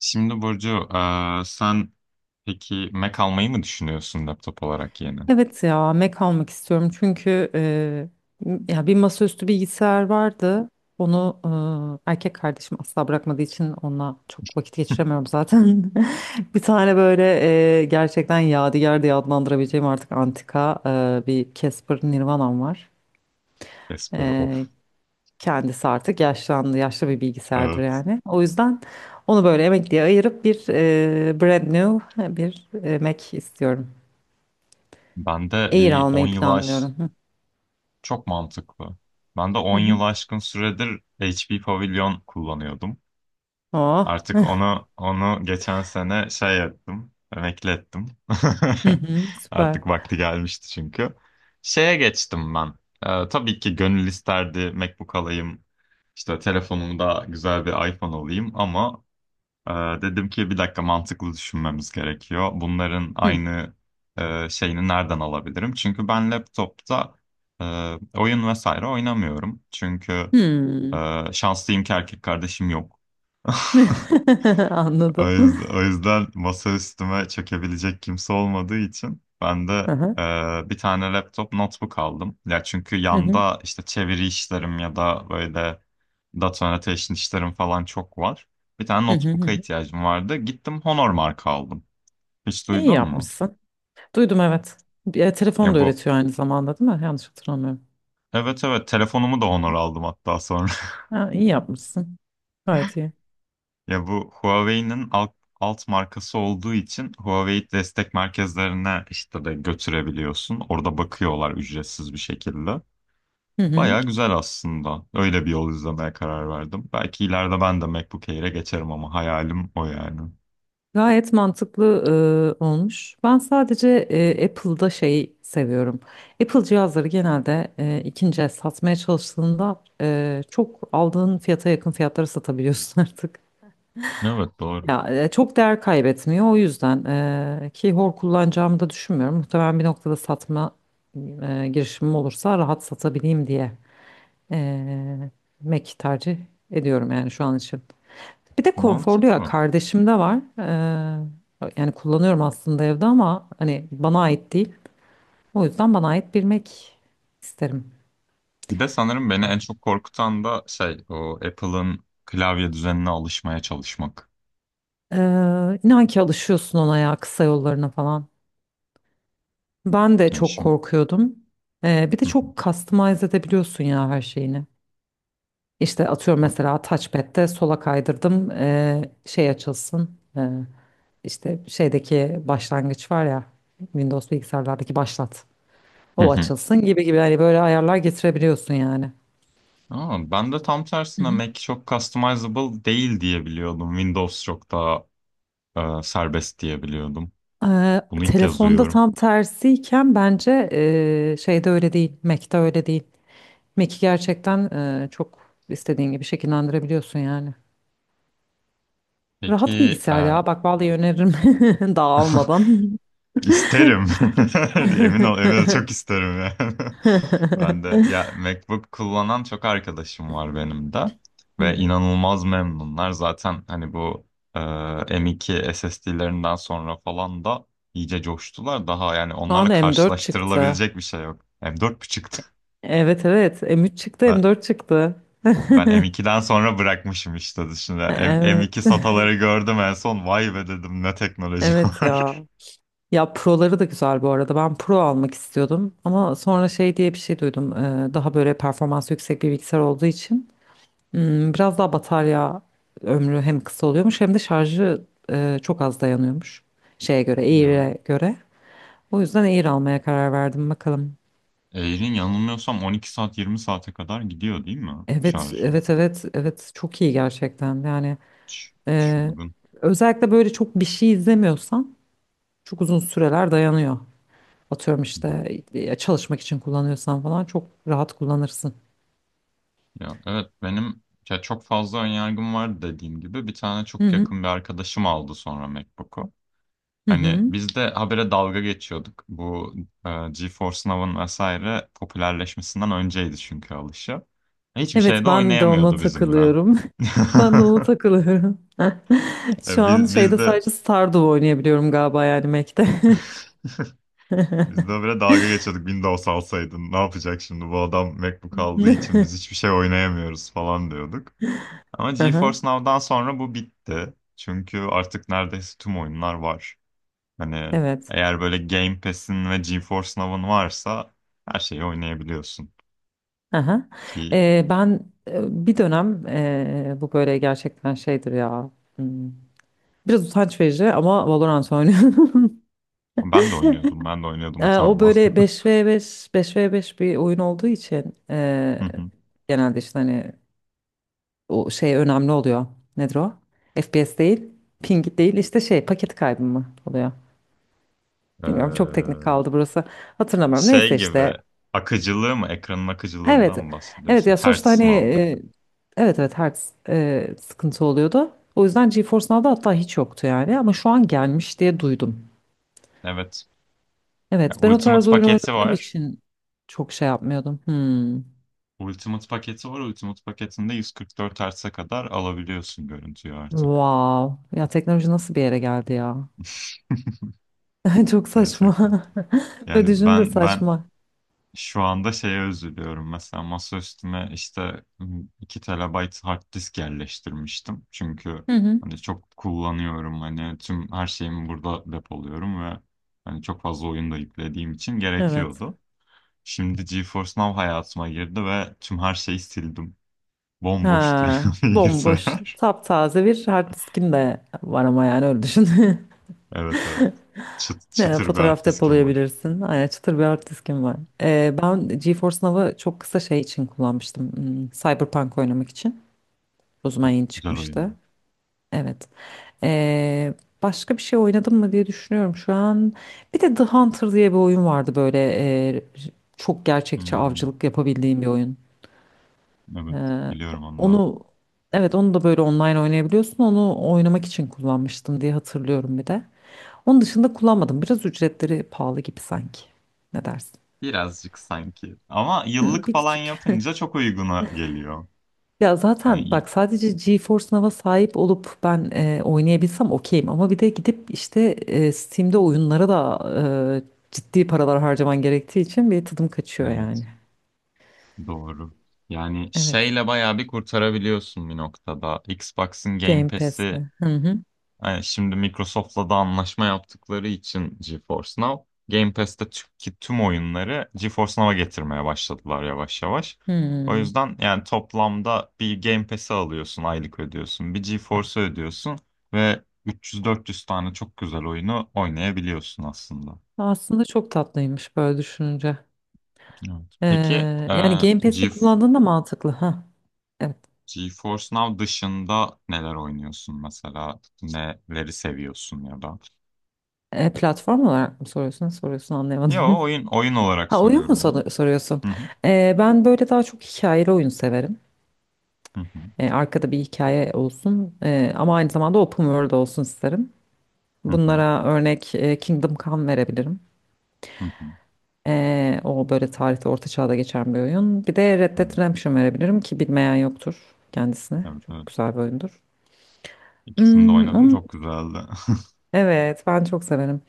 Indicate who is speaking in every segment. Speaker 1: Şimdi Burcu, sen peki Mac almayı mı düşünüyorsun laptop olarak yeni?
Speaker 2: Evet ya Mac almak istiyorum çünkü ya bir masaüstü bilgisayar vardı. Onu erkek kardeşim asla bırakmadığı için onunla çok vakit geçiremiyorum zaten. Bir tane böyle gerçekten yadigar diye adlandırabileceğim artık antika bir Casper Nirvana'm var.
Speaker 1: Casper
Speaker 2: Eee,
Speaker 1: of.
Speaker 2: Kendisi artık yaşlandı, yaşlı bir bilgisayardır
Speaker 1: Evet.
Speaker 2: yani. O yüzden onu böyle emekliye ayırıp bir brand new bir Mac istiyorum.
Speaker 1: Ben de
Speaker 2: Air
Speaker 1: bir 10
Speaker 2: almayı
Speaker 1: yılı aş
Speaker 2: planlıyorum. Hı
Speaker 1: Çok mantıklı. Ben de 10 yıl
Speaker 2: hı.
Speaker 1: aşkın süredir HP Pavilion kullanıyordum.
Speaker 2: Oh.
Speaker 1: Artık onu geçen sene şey ettim, emekli ettim.
Speaker 2: Hı hı, süper.
Speaker 1: Artık vakti gelmişti çünkü. Şeye geçtim ben. Tabii ki gönül isterdi MacBook alayım. İşte telefonumda güzel bir iPhone alayım ama Ee, dedim ki bir dakika mantıklı düşünmemiz gerekiyor. Bunların
Speaker 2: Hı.
Speaker 1: aynı şeyini nereden alabilirim? Çünkü ben laptopta e, oyun vesaire oynamıyorum. Çünkü
Speaker 2: Hmm.
Speaker 1: şanslıyım ki erkek kardeşim yok. O
Speaker 2: Anladım.
Speaker 1: yüzden, o yüzden masa üstüme çökebilecek kimse olmadığı için ben de
Speaker 2: Aha.
Speaker 1: bir tane laptop notebook aldım. Ya çünkü
Speaker 2: Hı hı.
Speaker 1: yanda işte çeviri işlerim ya da böyle data annotation işlerim falan çok var. Bir tane
Speaker 2: Hı hı hı.
Speaker 1: notebook'a
Speaker 2: Hı.
Speaker 1: ihtiyacım vardı. Gittim Honor marka aldım. Hiç
Speaker 2: İyi
Speaker 1: duydun mu?
Speaker 2: yapmışsın. Duydum, evet. Bir telefon
Speaker 1: Ya
Speaker 2: da
Speaker 1: bu,
Speaker 2: öğretiyor aynı zamanda, değil mi? Yanlış hatırlamıyorum.
Speaker 1: evet, evet, telefonumu da Honor aldım hatta sonra.
Speaker 2: Ha, iyi yapmışsın. Gayet iyi.
Speaker 1: Ya bu Huawei'nin alt markası olduğu için Huawei destek merkezlerine işte de götürebiliyorsun. Orada bakıyorlar ücretsiz bir şekilde.
Speaker 2: Hı hı.
Speaker 1: Baya güzel aslında. Öyle bir yol izlemeye karar verdim. Belki ileride ben de MacBook Air'e geçerim ama hayalim o yani.
Speaker 2: Gayet mantıklı olmuş. Ben sadece Apple'da şeyi seviyorum. Apple cihazları genelde ikinci el satmaya çalıştığında çok aldığın fiyata yakın fiyatlara satabiliyorsun artık.
Speaker 1: Evet, doğru.
Speaker 2: Ya çok değer kaybetmiyor, o yüzden ki hor kullanacağımı da düşünmüyorum. Muhtemelen bir noktada satma girişimim olursa rahat satabileyim diye e, Mac tercih ediyorum yani şu an için. Bir de konforlu ya,
Speaker 1: Mantıklı.
Speaker 2: kardeşim de var. Yani kullanıyorum aslında evde ama hani bana ait değil. O yüzden bana ait bir Mac isterim.
Speaker 1: Bir de sanırım beni en çok korkutan da şey o Apple'ın klavye düzenine alışmaya çalışmak.
Speaker 2: E, inan ki alışıyorsun ona ya, kısa yollarına falan. Ben de
Speaker 1: Yani
Speaker 2: çok
Speaker 1: şimdi...
Speaker 2: korkuyordum. Bir de
Speaker 1: Hı hı.
Speaker 2: çok customize edebiliyorsun ya her şeyini. İşte atıyorum, mesela touchpad'de sola kaydırdım şey açılsın. İşte şeydeki başlangıç var ya, Windows bilgisayarlardaki başlat.
Speaker 1: Hı
Speaker 2: O
Speaker 1: hı.
Speaker 2: açılsın gibi gibi, hani böyle ayarlar getirebiliyorsun yani.
Speaker 1: Aa, ben de tam tersine Mac çok customizable değil diye biliyordum. Windows çok daha serbest diye biliyordum. Bunu ilk kez
Speaker 2: Telefonda
Speaker 1: duyuyorum.
Speaker 2: tam tersiyken bence şeyde öyle değil. Mac'te öyle değil. Mac'i gerçekten çok istediğin gibi şekillendirebiliyorsun yani. Rahat
Speaker 1: Peki.
Speaker 2: bilgisayar ya. Bak vallahi öneririm dağılmadan.
Speaker 1: İsterim. Emin ol, emin ol, çok isterim yani. Ben de ya MacBook kullanan çok arkadaşım var benim de
Speaker 2: Hı
Speaker 1: ve
Speaker 2: hı.
Speaker 1: inanılmaz memnunlar. Zaten hani bu e, M.2 SSD'lerinden sonra falan da iyice coştular. Daha yani
Speaker 2: Şu an
Speaker 1: onlarla
Speaker 2: M4 çıktı.
Speaker 1: karşılaştırılabilecek bir şey yok. M4.5.
Speaker 2: Evet, evet, M3 çıktı,
Speaker 1: Ben,
Speaker 2: M4 çıktı.
Speaker 1: ben M2'den sonra bırakmışım işte dışında. M,
Speaker 2: Evet.
Speaker 1: M2 SATA'ları gördüm en son. Vay be dedim ne teknoloji
Speaker 2: Evet ya.
Speaker 1: var.
Speaker 2: Ya Pro'ları da güzel bu arada. Ben Pro almak istiyordum ama sonra şey diye bir şey duydum. Daha böyle performansı yüksek bir bilgisayar olduğu için biraz daha batarya ömrü hem kısa oluyormuş hem de şarjı çok az dayanıyormuş, şeye göre,
Speaker 1: Ya.
Speaker 2: Air'e göre. O yüzden Air almaya karar verdim, bakalım.
Speaker 1: Air'in yanılmıyorsam 12 saat 20 saate kadar gidiyor değil mi
Speaker 2: Evet,
Speaker 1: şarjı?
Speaker 2: evet, evet, evet. Çok iyi gerçekten. Yani e,
Speaker 1: Çılgın.
Speaker 2: özellikle böyle çok bir şey izlemiyorsan çok uzun süreler dayanıyor. Atıyorum
Speaker 1: Hı hı.
Speaker 2: işte çalışmak için kullanıyorsan falan çok rahat kullanırsın.
Speaker 1: Ya evet benim ya çok fazla önyargım var dediğim gibi. Bir tane
Speaker 2: Hı
Speaker 1: çok
Speaker 2: hı.
Speaker 1: yakın bir arkadaşım aldı sonra MacBook'u.
Speaker 2: Hı
Speaker 1: Hani
Speaker 2: hı.
Speaker 1: biz de habere dalga geçiyorduk. Bu GeForce Now'ın vesaire popülerleşmesinden önceydi çünkü alışı. Hiçbir
Speaker 2: Evet,
Speaker 1: şeyde
Speaker 2: ben de ona
Speaker 1: oynayamıyordu bizimle.
Speaker 2: takılıyorum. Ben de ona takılıyorum. Şu
Speaker 1: E,
Speaker 2: an
Speaker 1: Biz,
Speaker 2: şeyde
Speaker 1: biz de
Speaker 2: sadece Stardew oynayabiliyorum galiba, yani Mac'te.
Speaker 1: biz de habere dalga geçiyorduk. Windows alsaydın ne yapacak şimdi bu adam MacBook aldığı için biz hiçbir şey oynayamıyoruz falan diyorduk. Ama
Speaker 2: Aha,
Speaker 1: GeForce Now'dan sonra bu bitti. Çünkü artık neredeyse tüm oyunlar var. Hani
Speaker 2: evet.
Speaker 1: eğer böyle Game Pass'in ve GeForce Now'ın varsa her şeyi oynayabiliyorsun.
Speaker 2: Aha.
Speaker 1: Ki
Speaker 2: Ben bir dönem bu böyle gerçekten şeydir ya. hmm, Biraz utanç verici ama Valorant oynuyorum.
Speaker 1: Ben de oynuyordum. Ben de oynuyordum,
Speaker 2: O
Speaker 1: utanma.
Speaker 2: böyle beş v beş bir oyun olduğu için
Speaker 1: Hı hı.
Speaker 2: genelde işte hani o şey önemli oluyor. Nedir o? FPS değil, ping değil, işte şey paket kaybı mı oluyor? Bilmiyorum, çok teknik
Speaker 1: Ee,
Speaker 2: kaldı burası. Hatırlamıyorum.
Speaker 1: Şey
Speaker 2: Neyse işte.
Speaker 1: gibi akıcılığı mı? Ekranın
Speaker 2: Evet.
Speaker 1: akıcılığından mı
Speaker 2: Evet
Speaker 1: bahsediyorsun?
Speaker 2: ya, sonuçta
Speaker 1: Hertz
Speaker 2: hani
Speaker 1: muhabbeti.
Speaker 2: evet, evet, her sıkıntı oluyordu. O yüzden GeForce Now'da hatta hiç yoktu yani, ama şu an gelmiş diye duydum.
Speaker 1: Evet. Ya,
Speaker 2: Evet, ben o tarz
Speaker 1: Ultimate
Speaker 2: oyun
Speaker 1: paketi
Speaker 2: oynadığım
Speaker 1: var.
Speaker 2: için çok şey yapmıyordum. Hmm.
Speaker 1: Ultimate paketi var. Ultimate paketinde 144 Hz'e kadar alabiliyorsun görüntüyü artık.
Speaker 2: Wow. Ya teknoloji nasıl bir yere geldi ya? Çok
Speaker 1: Gerçekten.
Speaker 2: saçma. Böyle
Speaker 1: Yani
Speaker 2: düşününce
Speaker 1: ben
Speaker 2: saçma.
Speaker 1: şu anda şeye üzülüyorum mesela, masa üstüme işte 2 TB hard disk yerleştirmiştim. Çünkü
Speaker 2: Hı hı.
Speaker 1: hani çok kullanıyorum, hani tüm her şeyimi burada depoluyorum ve hani çok fazla oyun da yüklediğim için
Speaker 2: Evet.
Speaker 1: gerekiyordu. Şimdi GeForce Now hayatıma girdi ve tüm her şeyi sildim. Bomboş
Speaker 2: Ha,
Speaker 1: duruyor
Speaker 2: bomboş,
Speaker 1: bilgisayar.
Speaker 2: taptaze bir hard diskin de var ama yani öyle düşün.
Speaker 1: Evet, evet.
Speaker 2: Ne,
Speaker 1: Çıtır bir hard
Speaker 2: fotoğraf
Speaker 1: diskim var.
Speaker 2: depolayabilirsin. Aynen, çıtır bir hard diskim var. Ben GeForce Now'ı çok kısa şey için kullanmıştım. Cyberpunk oynamak için. O zaman yeni
Speaker 1: Güzel
Speaker 2: çıkmıştı.
Speaker 1: oyun.
Speaker 2: Evet. Ee, Başka bir şey oynadım mı diye düşünüyorum şu an. Bir de The Hunter diye bir oyun vardı böyle. e, Çok gerçekçi
Speaker 1: Hmm,
Speaker 2: avcılık yapabildiğim bir oyun.
Speaker 1: evet,
Speaker 2: Ee,
Speaker 1: biliyorum onu.
Speaker 2: onu evet onu da böyle online oynayabiliyorsun. Onu oynamak için kullanmıştım diye hatırlıyorum bir de. Onun dışında kullanmadım. Biraz ücretleri pahalı gibi sanki. Ne dersin?
Speaker 1: Birazcık sanki. Ama
Speaker 2: Hı,
Speaker 1: yıllık
Speaker 2: bir
Speaker 1: falan
Speaker 2: küçük.
Speaker 1: yapınca çok uyguna geliyor.
Speaker 2: Ya
Speaker 1: Hani
Speaker 2: zaten
Speaker 1: iyi-
Speaker 2: bak, sadece GeForce Now'a sahip olup ben oynayabilsem okeyim, ama bir de gidip işte Steam'de oyunlara da ciddi paralar harcaman gerektiği için bir tadım kaçıyor yani.
Speaker 1: evet, doğru. Yani
Speaker 2: Evet.
Speaker 1: şeyle bayağı bir kurtarabiliyorsun bir noktada. Xbox'ın Game
Speaker 2: Game
Speaker 1: Pass'i.
Speaker 2: Pass'le. Hı hı.
Speaker 1: Yani şimdi Microsoft'la da anlaşma yaptıkları için GeForce Now, Game Pass'teki tüm oyunları GeForce Now'a getirmeye başladılar yavaş yavaş. O
Speaker 2: Hmm.
Speaker 1: yüzden yani toplamda bir Game Pass'i alıyorsun, aylık ödüyorsun, bir GeForce'u ödüyorsun ve 300-400 tane çok güzel oyunu oynayabiliyorsun aslında.
Speaker 2: Aslında çok tatlıymış böyle düşününce.
Speaker 1: Evet. Peki
Speaker 2: E,
Speaker 1: e,
Speaker 2: Yani Game Pass'i
Speaker 1: Ge
Speaker 2: kullandığında mantıklı. Ha. Evet.
Speaker 1: GeForce Now dışında neler oynuyorsun mesela? Neleri seviyorsun ya da?
Speaker 2: Platform olarak mı soruyorsun? Soruyorsun,
Speaker 1: Yo,
Speaker 2: anlayamadım.
Speaker 1: oyun olarak
Speaker 2: Ha, oyun mu
Speaker 1: soruyorum ya.
Speaker 2: soruyorsun?
Speaker 1: Hı hı.
Speaker 2: Ben böyle daha çok hikayeli oyun severim.
Speaker 1: Hı hı.
Speaker 2: Arkada bir hikaye olsun, ama aynı zamanda open world olsun isterim.
Speaker 1: Hı hı,
Speaker 2: Bunlara örnek Kingdom Come verebilirim.
Speaker 1: hı hı.
Speaker 2: O böyle tarihte, orta çağda geçen bir oyun. Bir de Red Dead
Speaker 1: Tamam.
Speaker 2: Redemption verebilirim ki bilmeyen yoktur kendisine.
Speaker 1: Evet,
Speaker 2: Çok
Speaker 1: evet.
Speaker 2: güzel bir oyundur.
Speaker 1: İkisini de
Speaker 2: Hmm,
Speaker 1: oynadım.
Speaker 2: onun,
Speaker 1: Çok güzeldi.
Speaker 2: evet, ben çok severim.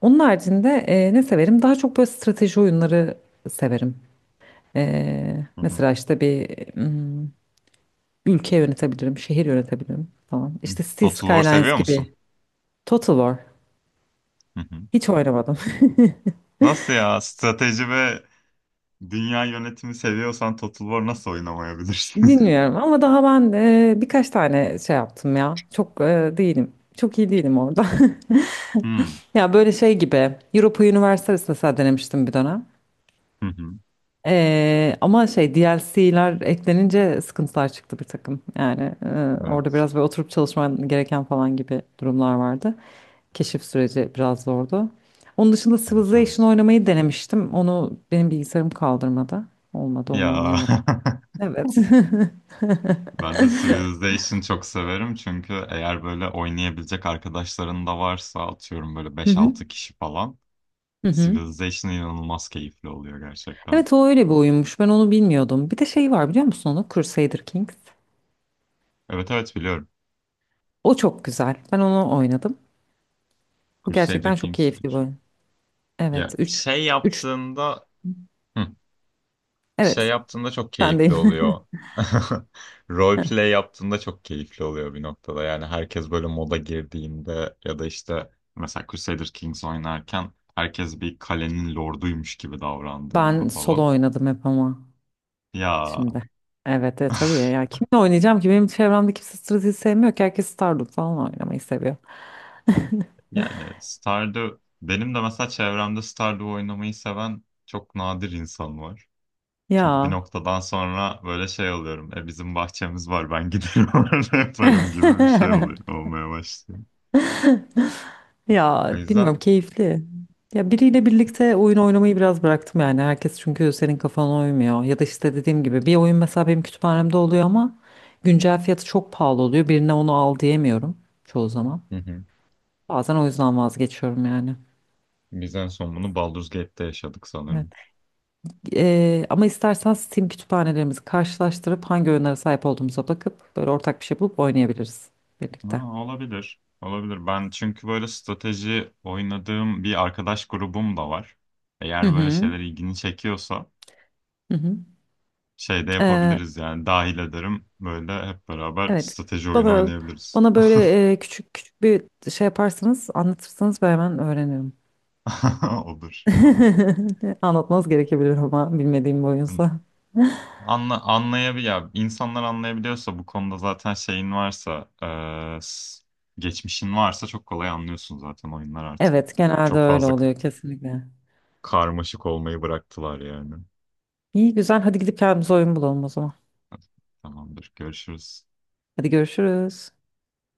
Speaker 2: Onun haricinde ne severim? Daha çok böyle strateji oyunları severim.
Speaker 1: Hı hı.
Speaker 2: Mesela işte bir hmm, ülke yönetebilirim, şehir yönetebilirim falan. İşte Cities
Speaker 1: Total War
Speaker 2: Skylines
Speaker 1: seviyor musun?
Speaker 2: gibi. Total War.
Speaker 1: Hı hı.
Speaker 2: Hiç oynamadım.
Speaker 1: Nasıl ya? Strateji ve dünya yönetimi seviyorsan Total War nasıl oynamayabilirsin?
Speaker 2: Dinliyorum ama daha ben birkaç tane şey yaptım ya. Çok değilim. Çok iyi değilim orada.
Speaker 1: Hı hı.
Speaker 2: Ya böyle şey gibi. Europa Universalis mesela denemiştim bir dönem.
Speaker 1: Hı.
Speaker 2: Ama şey DLC'ler eklenince sıkıntılar çıktı bir takım. Yani orada
Speaker 1: Evet.
Speaker 2: biraz böyle oturup çalışman gereken falan gibi durumlar vardı. Keşif süreci biraz zordu. Onun dışında
Speaker 1: Evet,
Speaker 2: Civilization
Speaker 1: evet.
Speaker 2: oynamayı denemiştim. Onu benim bilgisayarım kaldırmadı. Olmadı, onu
Speaker 1: Ya
Speaker 2: oynayamadım. Evet.
Speaker 1: ben de Civilization çok severim, çünkü eğer böyle oynayabilecek arkadaşların da varsa, atıyorum böyle
Speaker 2: Hı
Speaker 1: beş
Speaker 2: hı.
Speaker 1: altı kişi falan,
Speaker 2: Hı hı.
Speaker 1: Civilization inanılmaz keyifli oluyor gerçekten.
Speaker 2: Evet, o öyle bir oyunmuş. Ben onu bilmiyordum. Bir de şey var, biliyor musun onu? Crusader Kings.
Speaker 1: Evet, evet, biliyorum.
Speaker 2: O çok güzel. Ben onu oynadım. Bu
Speaker 1: Crusader
Speaker 2: gerçekten çok
Speaker 1: Kings
Speaker 2: keyifli bir
Speaker 1: 3.
Speaker 2: oyun. Evet,
Speaker 1: Ya
Speaker 2: üç.
Speaker 1: şey
Speaker 2: Üç.
Speaker 1: yaptığında, hı, şey
Speaker 2: Evet,
Speaker 1: yaptığında çok keyifli
Speaker 2: sendeyim.
Speaker 1: oluyor. Roleplay yaptığında çok keyifli oluyor bir noktada. Yani herkes böyle moda girdiğinde ya da işte, mesela Crusader Kings oynarken herkes bir kalenin lorduymuş gibi davrandığında
Speaker 2: Ben solo
Speaker 1: falan.
Speaker 2: oynadım hep, ama
Speaker 1: Ya
Speaker 2: şimdi. Evet, evet, tabii ya. Kimle oynayacağım ki? Benim çevremde kimse strateji sevmiyor ki. Herkes Stardew falan oynamayı seviyor.
Speaker 1: yani Stardew, benim de mesela çevremde Stardew oynamayı seven çok nadir insan var. Çünkü bir
Speaker 2: Ya.
Speaker 1: noktadan sonra böyle şey oluyorum. E, bizim bahçemiz var, ben giderim orada yaparım gibi bir şey oluyor. Olmaya başlıyor. O
Speaker 2: Ya
Speaker 1: yüzden.
Speaker 2: bilmiyorum, keyifli. Ya biriyle birlikte oyun oynamayı biraz bıraktım yani. Herkes çünkü senin kafana uymuyor. Ya da işte dediğim gibi bir oyun mesela benim kütüphanemde oluyor ama güncel fiyatı çok pahalı oluyor. Birine onu al diyemiyorum çoğu zaman.
Speaker 1: Hı hı.
Speaker 2: Bazen o yüzden vazgeçiyorum yani.
Speaker 1: Biz en son bunu Baldur's Gate'te yaşadık
Speaker 2: Evet.
Speaker 1: sanırım.
Speaker 2: Ama istersen Steam kütüphanelerimizi karşılaştırıp hangi oyunlara sahip olduğumuza bakıp böyle ortak bir şey bulup oynayabiliriz
Speaker 1: Ha,
Speaker 2: birlikte.
Speaker 1: olabilir. Olabilir. Ben çünkü böyle strateji oynadığım bir arkadaş grubum da var.
Speaker 2: Hı
Speaker 1: Eğer böyle
Speaker 2: hı.
Speaker 1: şeyler ilgini çekiyorsa,
Speaker 2: Hı
Speaker 1: şey de
Speaker 2: hı.
Speaker 1: yapabiliriz yani, dahil ederim. Böyle hep beraber
Speaker 2: Evet.
Speaker 1: strateji oyunu
Speaker 2: Bana
Speaker 1: oynayabiliriz.
Speaker 2: bana böyle küçük küçük bir şey yaparsanız, anlatırsanız ben hemen öğrenirim.
Speaker 1: Olur. Tamam.
Speaker 2: Anlatmanız gerekebilir ama bilmediğim bir oyunsa.
Speaker 1: Anla, anlayabil Ya, insanlar anlayabiliyorsa bu konuda zaten şeyin varsa, e, s- geçmişin varsa çok kolay anlıyorsun zaten oyunlar artık.
Speaker 2: Evet, genelde
Speaker 1: Çok
Speaker 2: öyle
Speaker 1: fazla
Speaker 2: oluyor kesinlikle.
Speaker 1: karmaşık olmayı bıraktılar yani.
Speaker 2: İyi güzel. Hadi gidip kendimize oyun bulalım o zaman.
Speaker 1: Tamamdır. Görüşürüz.
Speaker 2: Hadi görüşürüz.